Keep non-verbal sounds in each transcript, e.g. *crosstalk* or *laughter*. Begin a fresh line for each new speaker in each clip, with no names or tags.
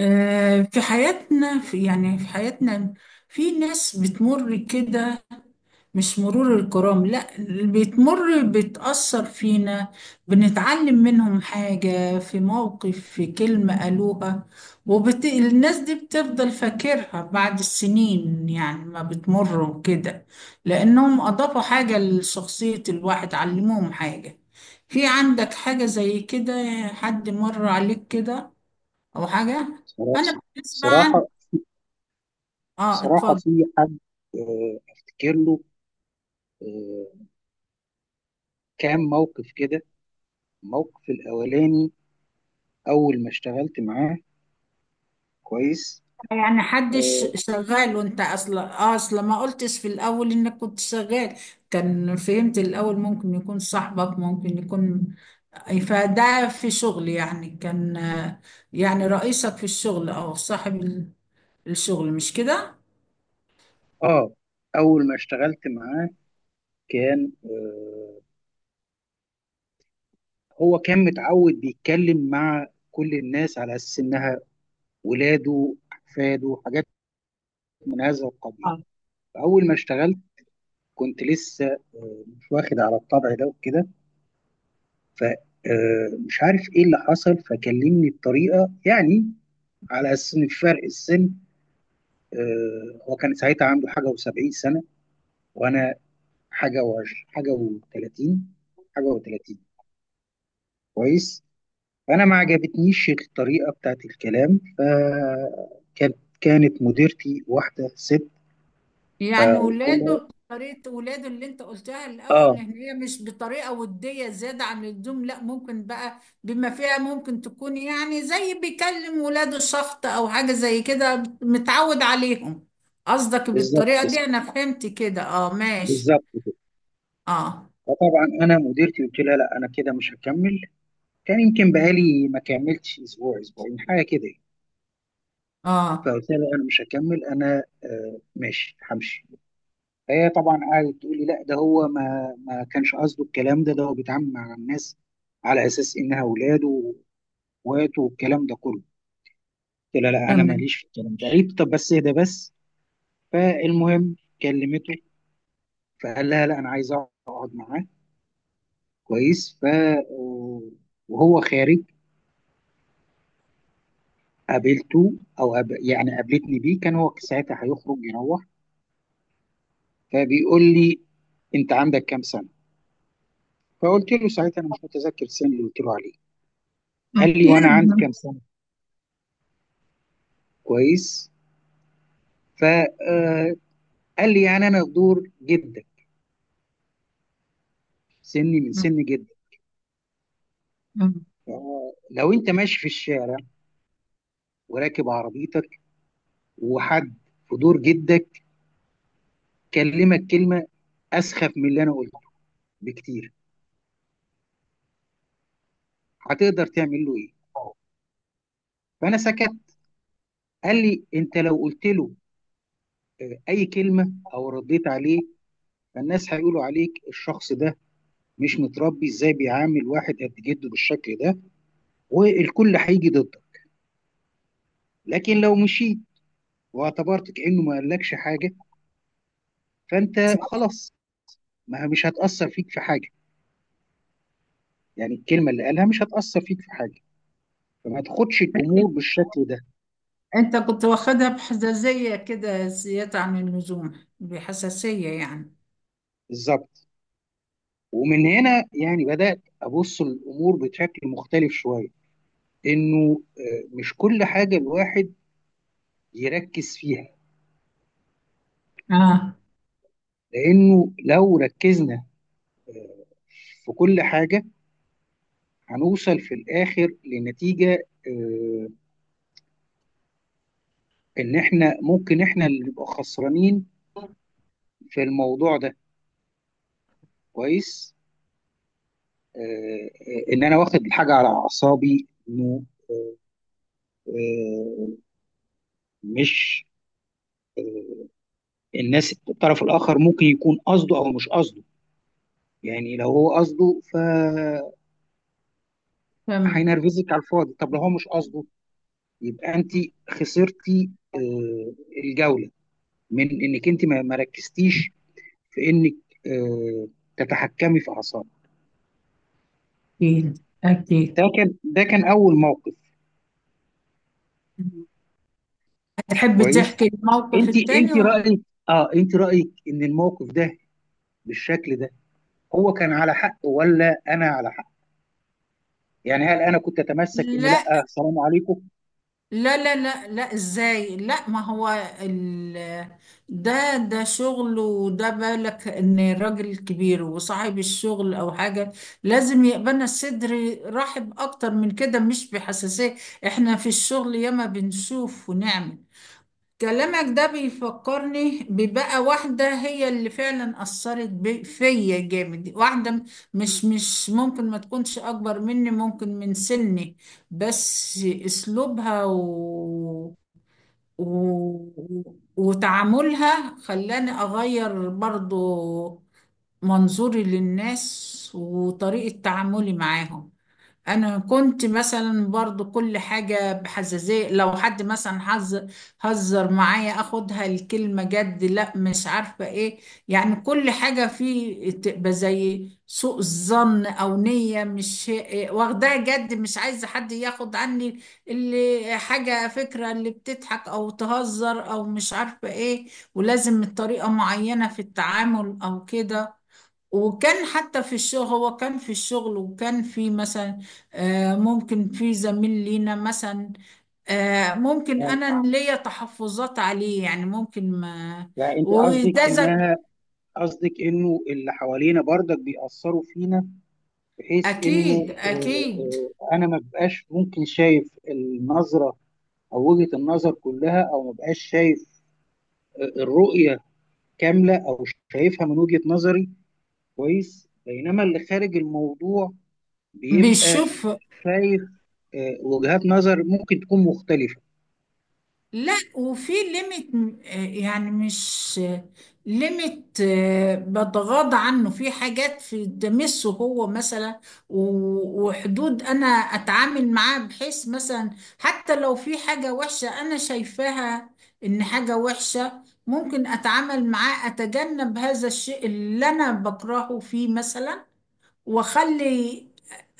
في حياتنا في حياتنا في ناس بتمر كده، مش مرور الكرام. لا، اللي بتمر بتأثر فينا، بنتعلم منهم حاجة، في موقف، في كلمة قالوها. الناس دي بتفضل فاكرها بعد السنين، يعني ما بتمر وكده، لأنهم أضافوا حاجة لشخصية الواحد، علموهم حاجة. في عندك حاجة زي كده؟ حد مر عليك كده او حاجه؟
صراحة
انا بالنسبه عن،
صراحة
اه
صراحة
اتفضل.
في حد، أفتكر له آه، كام موقف كده. الموقف الأولاني أول ما اشتغلت معاه. كويس.
يعني حدش
آه
شغال، وانت اصلا ما قلتش في الاول انك كنت شغال. كان فهمت الاول ممكن يكون صاحبك، ممكن يكون. فده في شغل يعني، كان يعني رئيسك في الشغل او صاحب الشغل، مش كده؟
آه، أول ما اشتغلت معاه كان هو كان متعود بيتكلم مع كل الناس على أساس إنها ولاده أحفاده حاجات من هذا القبيل. أول ما اشتغلت كنت لسه مش واخد على الطبع ده وكده، فمش عارف ايه اللي حصل فكلمني بطريقه يعني على اساس ان فرق السن. هو كان ساعتها عنده حاجه و70 سنه، وانا حاجه و، حاجه و30، حاجه و30. كويس. فانا ما عجبتنيش الطريقه بتاعت الكلام، فكانت مديرتي واحده ست،
يعني
فقلت لها
ولاده، طريقة ولاده اللي انت قلتها الأول، ان
اه،
هي مش بطريقة ودية زيادة عن اللزوم. لا، ممكن بقى، بما فيها ممكن تكون يعني زي بيكلم ولاده، شخط أو حاجة زي كده، متعود عليهم. قصدك
بالظبط
بالطريقة
كده،
دي؟ أنا فهمت كده، اه ماشي.
بالظبط كده.
اه.
فطبعا انا مديرتي قلت لها لا انا كده مش هكمل. كان يمكن بقالي ما كملتش اسبوع اسبوعين حاجه كده يعني.
اه.
فقلت لها لا انا مش هكمل انا، ماشي همشي. فهي طبعا قعدت تقول لي لا ده هو ما كانش قصده الكلام ده هو بيتعامل مع الناس على اساس انها اولاده واخواته والكلام ده كله. قلت لها لا انا
تمام.
ماليش في الكلام ده. قالت طب بس ده بس. فالمهم كلمته، فقال لها لا انا عايز اقعد معاه. كويس. ف آه، وهو خارج قابلته، او قابلتني بيه، كان هو ساعتها هيخرج يروح، فبيقول لي انت عندك كام سنه. فقلت له ساعتها انا مش متذكر السن اللي قلت له عليه. قال لي وانا عندي
يعني.
كام سنه. كويس. فقال لي يعني انا في دور جدا، سني من
مم.
سن جدا.
مم.
لو انت ماشي في الشارع وراكب عربيتك، وحد في دور جدك كلمك كلمه اسخف من اللي انا قلته بكتير، هتقدر تعمل له ايه؟ فانا سكت. قال لي انت لو قلت له اي كلمه او رديت عليه، فالناس هيقولوا عليك الشخص ده مش متربي، ازاي بيعامل واحد قد جده بالشكل ده؟ والكل هيجي ضدك. لكن لو مشيت واعتبرت كأنه ما قالكش حاجة فأنت
صح.
خلاص، ما مش هتأثر فيك في حاجة، يعني الكلمة اللي قالها مش هتأثر فيك في حاجة. فما تاخدش الأمور بالشكل ده.
انت كنت واخدها بحساسية كده زيادة عن اللزوم، بحساسية يعني.
بالظبط. ومن هنا يعني بدأت أبص الأمور بشكل مختلف شوية، إنه مش كل حاجة الواحد يركز فيها،
اه.
لأنه لو ركزنا في كل حاجة هنوصل في الآخر لنتيجة، آه، إن إحنا ممكن إحنا اللي نبقى خسرانين في الموضوع ده. كويس. آه، ان انا واخد الحاجه على اعصابي، انه آه، مش، الناس الطرف الاخر ممكن يكون قصده او مش قصده. يعني لو هو قصده ف
تمام.
هينرفزك على الفاضي، طب لو هو مش قصده يبقى انت خسرتي آه، الجوله، من انك انت ما ركزتيش في انك آه، تتحكمي في اعصابك.
أكيد
ده
أكيد.
كان، ده كان اول موقف.
مم. هتحب
كويس.
تحكي الموقف
انت،
التاني
انت
ولا؟
رايك، اه انت رايك ان الموقف ده بالشكل ده هو كان على حق ولا انا على حق؟ يعني هل انا كنت اتمسك ان
لا
لا سلام عليكم؟
لا لا لا لا إزاي؟ لا ما هو ال... ده شغل، وده بالك إن راجل كبير وصاحب الشغل أو حاجة، لازم يقبلنا الصدر رحب أكتر من كده، مش بحساسية. إحنا في الشغل ياما بنشوف ونعمل. كلامك ده بيفكرني ببقى واحدة هي اللي فعلا أثرت فيا جامد، واحدة مش ممكن ما تكونش أكبر مني، ممكن من سني، بس أسلوبها و... وتعاملها خلاني أغير برضو منظوري للناس وطريقة تعاملي معاهم. انا كنت مثلا برضو كل حاجة بحزازية، لو حد مثلا هزر معايا اخدها الكلمة جد، لا مش عارفة ايه. يعني كل حاجة فيه تبقى زي سوء الظن او نية، مش واخداها جد، مش عايزة حد ياخد عني اللي حاجة، فكرة اللي بتضحك او تهزر او مش عارفة ايه، ولازم الطريقة معينة في التعامل او كده. وكان حتى في الشغل، هو كان في الشغل، وكان في مثلا ممكن في زميل لينا مثلا، ممكن
يعني,
انا ليا تحفظات عليه، يعني ممكن ما.
يعني, انت قصدك
وده زك-
انها، قصدك انه اللي حوالينا برضك بيأثروا فينا، بحيث انه
اكيد اكيد.
انا ما بقاش ممكن شايف النظرة او وجهة النظر كلها، او ما بقاش شايف الرؤية كاملة، او شايفها من وجهة نظري. كويس. بينما اللي خارج الموضوع بيبقى
بيشوف.
شايف وجهات نظر ممكن تكون مختلفة.
لا، وفي ليميت، يعني مش ليميت. بتغاضى عنه في حاجات، في تمسه هو مثلا، وحدود انا اتعامل معاها، بحيث مثلا حتى لو في حاجة وحشة انا شايفاها ان حاجة وحشة، ممكن اتعامل معاه، اتجنب هذا الشيء اللي انا بكرهه فيه مثلا، واخلي،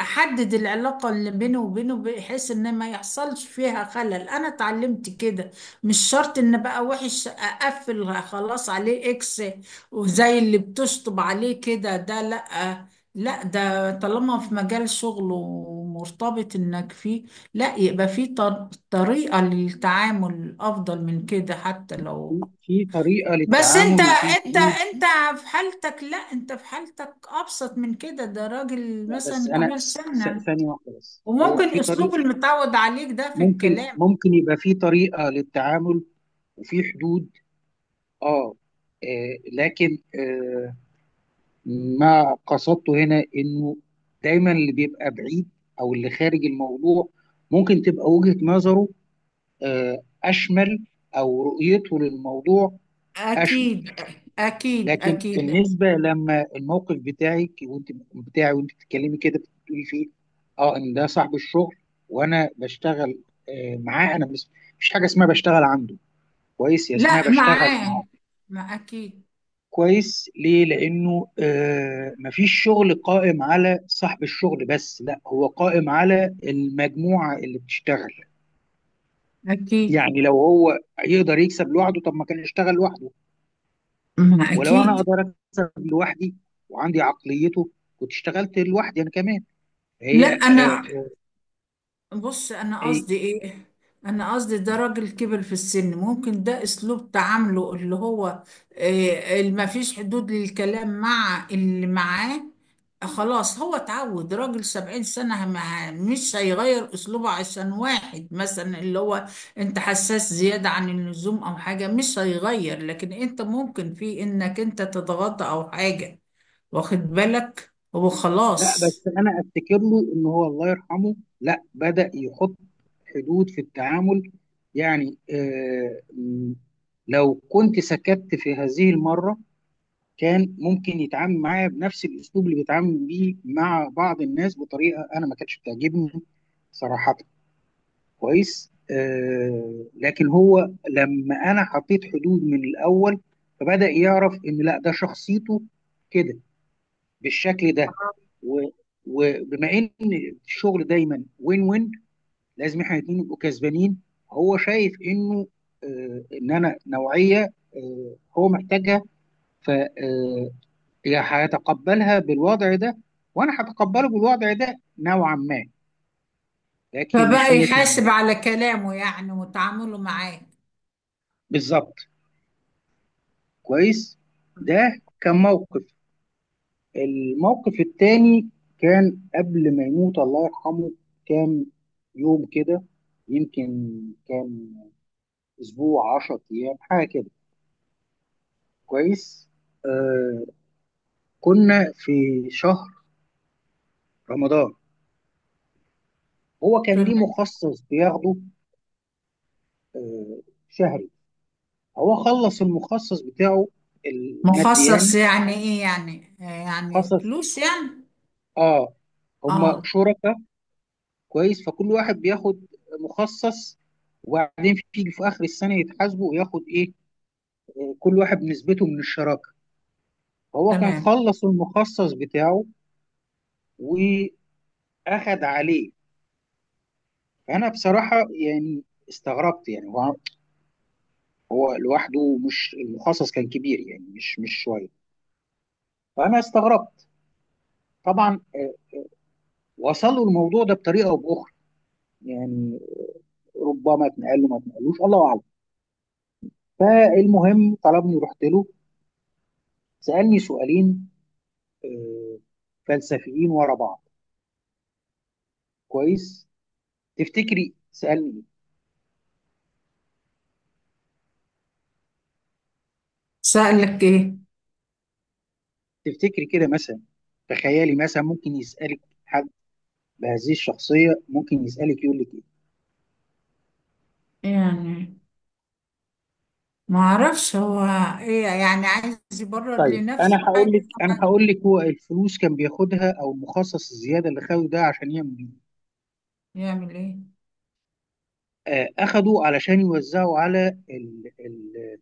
احدد العلاقة اللي بيني وبينه بحيث ان ما يحصلش فيها خلل. انا اتعلمت كده، مش شرط ان بقى وحش اقفل خلاص عليه اكس، وزي اللي بتشطب عليه كده، ده لا. لا، ده طالما في مجال شغله ومرتبط انك فيه، لا، يبقى في طريقة للتعامل افضل من كده، حتى لو.
في طريقة
بس انت
للتعامل وفي
انت
حدود.
انت، في حالتك، لا انت في حالتك ابسط من كده، ده راجل
لا، بس
مثلا
أنا،
كبير سنا،
ثانية واحدة بس، هو
وممكن
في طريقة،
اسلوب المتعود عليك ده في
ممكن
الكلام.
ممكن يبقى في طريقة للتعامل وفي حدود. آه, لكن ما قصدته هنا إنه دايما اللي بيبقى بعيد أو اللي خارج الموضوع ممكن تبقى وجهة نظره أشمل، أو رؤيته للموضوع أشمل.
اكيد اكيد
لكن
اكيد.
بالنسبه لما الموقف بتاعك وانت، بتاعي وانت بتتكلمي كده بتقولي فيه اه، ان ده صاحب الشغل وانا بشتغل معاه، انا مش حاجه اسمها بشتغل عنده، كويس، يا اسمها
لا
بشتغل
معاه.
معاه.
ما اكيد.
كويس. ليه؟ لانه مفيش شغل قائم على صاحب الشغل بس، لا هو قائم على المجموعه اللي بتشتغل.
اكيد.
يعني لو هو يقدر يكسب لوحده، طب ما كان يشتغل لوحده.
ما
ولو انا
اكيد.
اقدر اكسب لوحدي وعندي عقليته كنت اشتغلت لوحدي انا كمان.
لا
هي آه،
انا،
آه،
بص انا
هي
قصدي ايه، انا قصدي ده راجل كبر في السن، ممكن ده اسلوب تعامله اللي هو اللي ما فيش حدود للكلام مع اللي معاه. خلاص، هو اتعود، راجل 70 سنة، مش هيغير اسلوبه عشان واحد مثلا اللي هو انت حساس زيادة عن اللزوم او حاجة، مش هيغير. لكن انت ممكن في انك انت تضغط او حاجة، واخد بالك؟ هو
لا،
خلاص
بس انا افتكر له ان هو الله يرحمه لا بدأ يحط حدود في التعامل. يعني لو كنت سكت في هذه المرة كان ممكن يتعامل معايا بنفس الاسلوب اللي بيتعامل بيه مع بعض الناس بطريقة انا ما كانتش بتعجبني صراحة. كويس. لكن هو لما انا حطيت حدود من الاول فبدأ يعرف ان لا ده شخصيته كده بالشكل ده، و- وبما ان الشغل دايما وين وين، لازم احنا الاثنين نبقوا كسبانين. هو شايف انه ان انا نوعيه هو محتاجها، ف يا هيتقبلها بالوضع ده وانا هتقبله بالوضع ده نوعا ما، لكن مش
فبقى
100%.
يحاسب على كلامه يعني وتعامله معاه.
بالظبط. كويس. ده كان موقف. الموقف التاني كان قبل ما يموت الله يرحمه كام يوم كده يمكن، كام اسبوع 10 ايام حاجه كده. كويس. آه كنا في شهر رمضان. هو كان ليه
تمام.
مخصص بياخده آه شهري. هو خلص المخصص بتاعه المادي يعني.
مخصص يعني ايه يعني؟ يعني
خصص،
فلوس يعني؟
اه، هم
اه.
شركاء. كويس. فكل واحد بياخد مخصص، وبعدين في اخر السنه يتحاسبوا وياخد ايه كل واحد نسبته من الشراكه. هو كان
تمام.
خلص المخصص بتاعه واخد عليه. فانا بصراحه يعني استغربت، يعني هو لوحده، مش المخصص كان كبير يعني مش شويه، فانا استغربت طبعا. وصلوا الموضوع ده بطريقه او باخرى يعني، ربما اتنقل له ما اتنقلوش الله اعلم. المهم طلبني رحت له، سالني سؤالين آه، فلسفيين ورا بعض. كويس. تفتكري سألني
سألك ايه؟
ايه؟ تفتكري كده مثلا، تخيلي مثلا ممكن يسألك حد بهذه الشخصية ممكن يسألك يقول لك ايه؟
يعني ما اعرفش هو ايه، يعني عايز يبرر
طيب انا
لنفسه حاجة؟
هقول لك،
حاجة.
هو الفلوس كان بياخدها او المخصص الزياده اللي خده ده عشان يعمل بيه
يعمل ايه؟
اخده علشان يوزعه على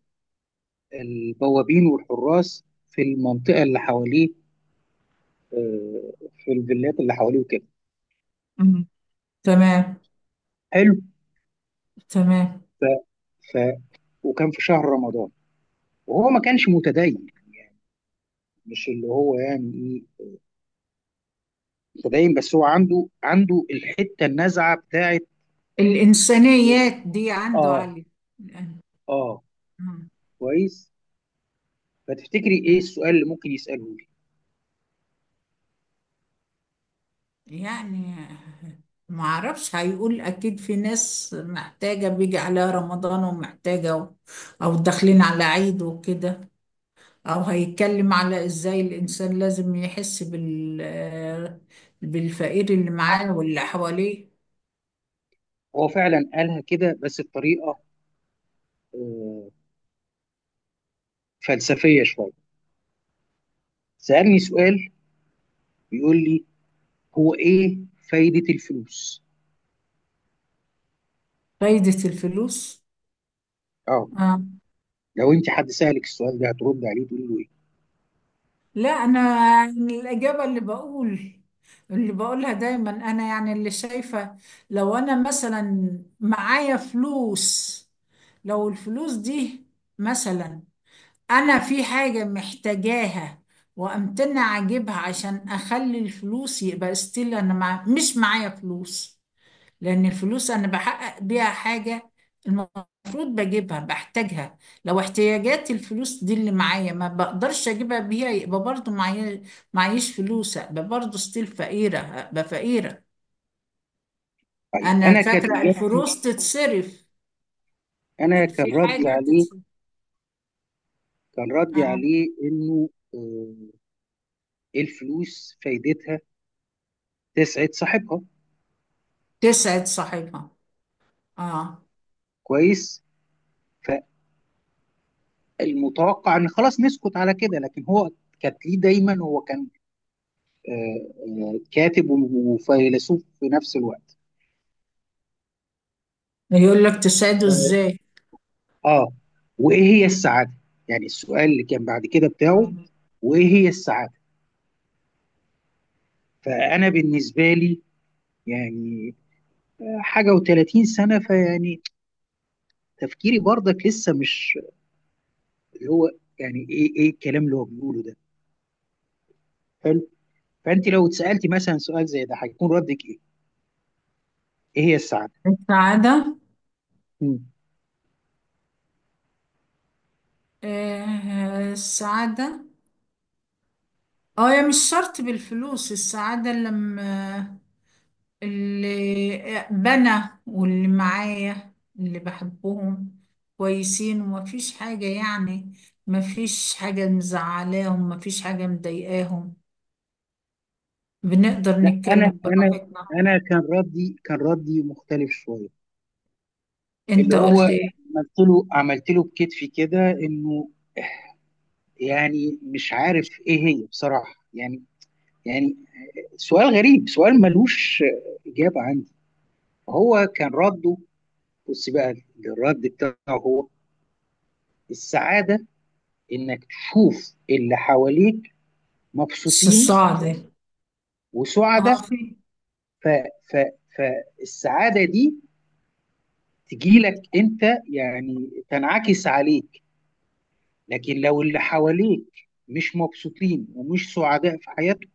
البوابين والحراس في المنطقه اللي حواليه، آه، في الفيلات اللي حواليه وكده.
مم. تمام.
حلو.
تمام.
ف... ف... وكان في شهر رمضان وهو ما كانش متدين يعني، مش اللي هو يعني ايه متدين، بس هو عنده، عنده الحته النزعه بتاعت ال-
الإنسانيات دي عنده
اه
عالية.
اه. كويس. فتفتكري ايه السؤال اللي ممكن يساله لي؟
يعني *laughs* معرفش، هيقول أكيد في ناس محتاجة، بيجي عليها رمضان ومحتاجة أو داخلين على عيد وكده، أو هيتكلم على إزاي الإنسان لازم يحس بال، بالفقير اللي معاه واللي حواليه.
هو فعلا قالها كده بس بطريقه آه فلسفيه شويه. سالني سؤال، بيقول لي هو ايه فايده الفلوس؟
فايدة الفلوس؟
اه.
آه.
لو انت حد سالك السؤال ده هترد عليه تقول له ايه؟
لا انا، يعني الاجابه اللي بقول، اللي بقولها دايما انا، يعني اللي شايفه، لو انا مثلا معايا فلوس، لو الفلوس دي مثلا، انا في حاجه محتاجاها وامتنع اجيبها عشان اخلي الفلوس، يبقى استيل انا مش معايا فلوس. لأن الفلوس أنا بحقق بيها حاجة، المفروض بجيبها بحتاجها. لو احتياجات الفلوس دي اللي معايا ما بقدرش أجيبها بيها، يبقى برضو معايا معيش فلوس، أبقى برضو ستيل فقيرة، أبقى فقيرة.
طيب
أنا
انا كانت
فاكرة
اجابتي،
الفلوس تتصرف،
انا
يعني
كان
في
ردي
حاجة
عليه،
تتصرف. آه.
انه آه، الفلوس فايدتها تسعد صاحبها.
تسعد صاحبها. آه.
كويس. فالمتوقع ان خلاص نسكت على كده، لكن هو كانت ليه دايما، هو كان آه، كاتب وفيلسوف في نفس الوقت.
يقول لك تسعده
اه.
إزاي؟
آه. وايه هي السعاده؟ يعني السؤال اللي كان بعد كده بتاعه،
آه.
وايه هي السعاده. فانا بالنسبه لي يعني حاجه و30 سنه فيعني تفكيري برضك لسه مش، اللي هو يعني ايه ايه الكلام اللي هو بيقوله ده. حلو. فانت لو اتسالتي مثلا سؤال زي ده هيكون ردك ايه؟ ايه هي السعاده؟
السعادة.
مم.
آه. السعادة. اه، يا مش شرط بالفلوس السعادة، لما اللي بنا واللي معايا اللي بحبهم كويسين، ومفيش حاجة يعني، مفيش حاجة مزعلاهم، مفيش حاجة مضايقاهم، بنقدر
لا انا
نتكلم
انا
براحتنا.
انا كان ردي، كان ردي مختلف شويه، اللي
انت
هو
قلت ايه؟
عملت له بكتفي كده، انه يعني مش عارف ايه هي بصراحه يعني، يعني سؤال غريب، سؤال ملوش اجابه عندي. هو كان رده، بص بقى، الرد بتاعه هو السعاده انك تشوف اللي حواليك مبسوطين
الصعد.
وسعداء.
اه في.
ف ف فالسعاده دي تجي لك انت، يعني تنعكس عليك. لكن لو اللي حواليك مش مبسوطين ومش سعداء في حياتهم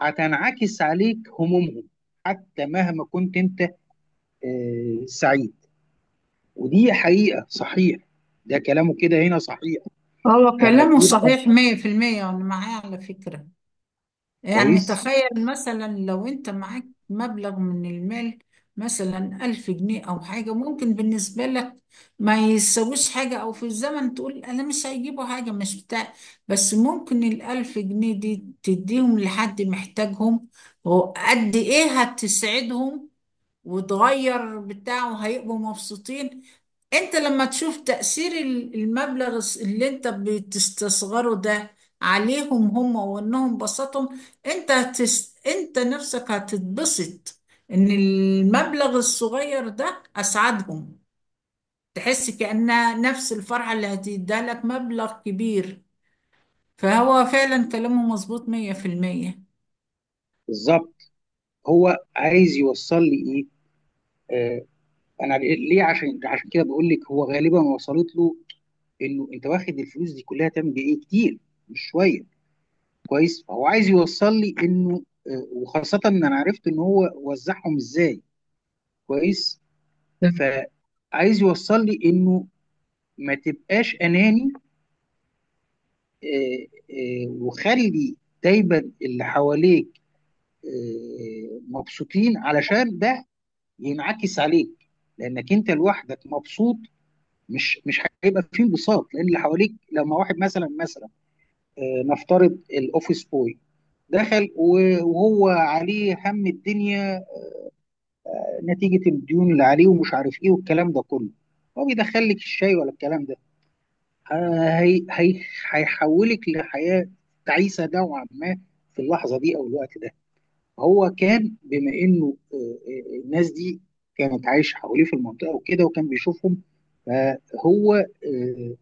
هتنعكس عليك همومهم، حتى مهما كنت انت سعيد. ودي حقيقه صحيح، ده كلامه كده هنا صحيح.
هو
لما
كلامه
بيبقى،
صحيح 100%، وانا معاه على فكرة. يعني
كويس،
تخيل مثلا لو انت معاك مبلغ من المال، مثلا 1000 جنيه أو حاجة، ممكن بالنسبة لك ما يسويش حاجة، أو في الزمن تقول أنا مش هيجيبوا حاجة، مش بتاع. بس ممكن الـ1000 جنيه دي تديهم لحد محتاجهم، وقد إيه هتسعدهم وتغير بتاع وهيبقوا مبسوطين. انت لما تشوف تأثير المبلغ اللي انت بتستصغره ده عليهم هم، وانهم بسطهم، انت انت نفسك هتتبسط ان المبلغ الصغير ده اسعدهم، تحس كأنها نفس الفرحة اللي هتديها لك مبلغ كبير. فهو فعلا كلامه مظبوط 100%.
بالظبط. هو عايز يوصل لي ايه؟ انا ليه عشان، عشان كده بقول لك هو غالبا وصلت له انه انت واخد الفلوس دي كلها تعمل بيها ايه، كتير مش شويه. كويس. فهو عايز يوصل لي انه وخاصه ان انا عرفت ان هو وزعهم ازاي. كويس. فعايز يوصل لي انه ما تبقاش اناني، وخلي دايما اللي حواليك مبسوطين علشان ده ينعكس عليك، لانك انت لوحدك مبسوط مش، مش هيبقى فيه انبساط، لان اللي حواليك لما واحد مثلا، مثلا نفترض الاوفيس بوي دخل وهو عليه هم الدنيا نتيجة الديون اللي عليه ومش عارف ايه والكلام ده كله، هو بيدخل لك الشاي ولا الكلام ده آه، هي هي هيحولك لحياة تعيسة نوعا ما في اللحظة دي أو الوقت ده. هو كان بما إنه الناس دي كانت عايشة حواليه في المنطقة وكده وكان بيشوفهم، فهو آه،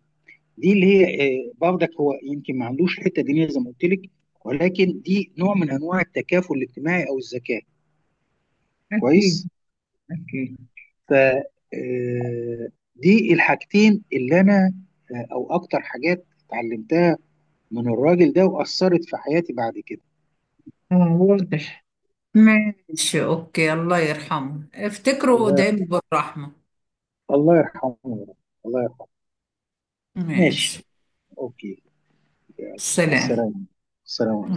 دي اللي هي برضك هو يمكن ما عندوش الحته الدينيه زي ما قلت لك، ولكن دي نوع من انواع التكافل الاجتماعي او الذكاء.
أكيد
كويس.
أكيد
ف آه، دي الحاجتين اللي انا او اكتر حاجات اتعلمتها من الراجل ده واثرت في حياتي بعد كده.
آه واضح. ماشي، أوكي. الله يرحمه، افتكروا
الله،
دايما بالرحمة.
الله يرحمه يا رب، الله يرحمه. ماشي.
ماشي.
اوكي. يلا.
سلام.
سلام. سلام.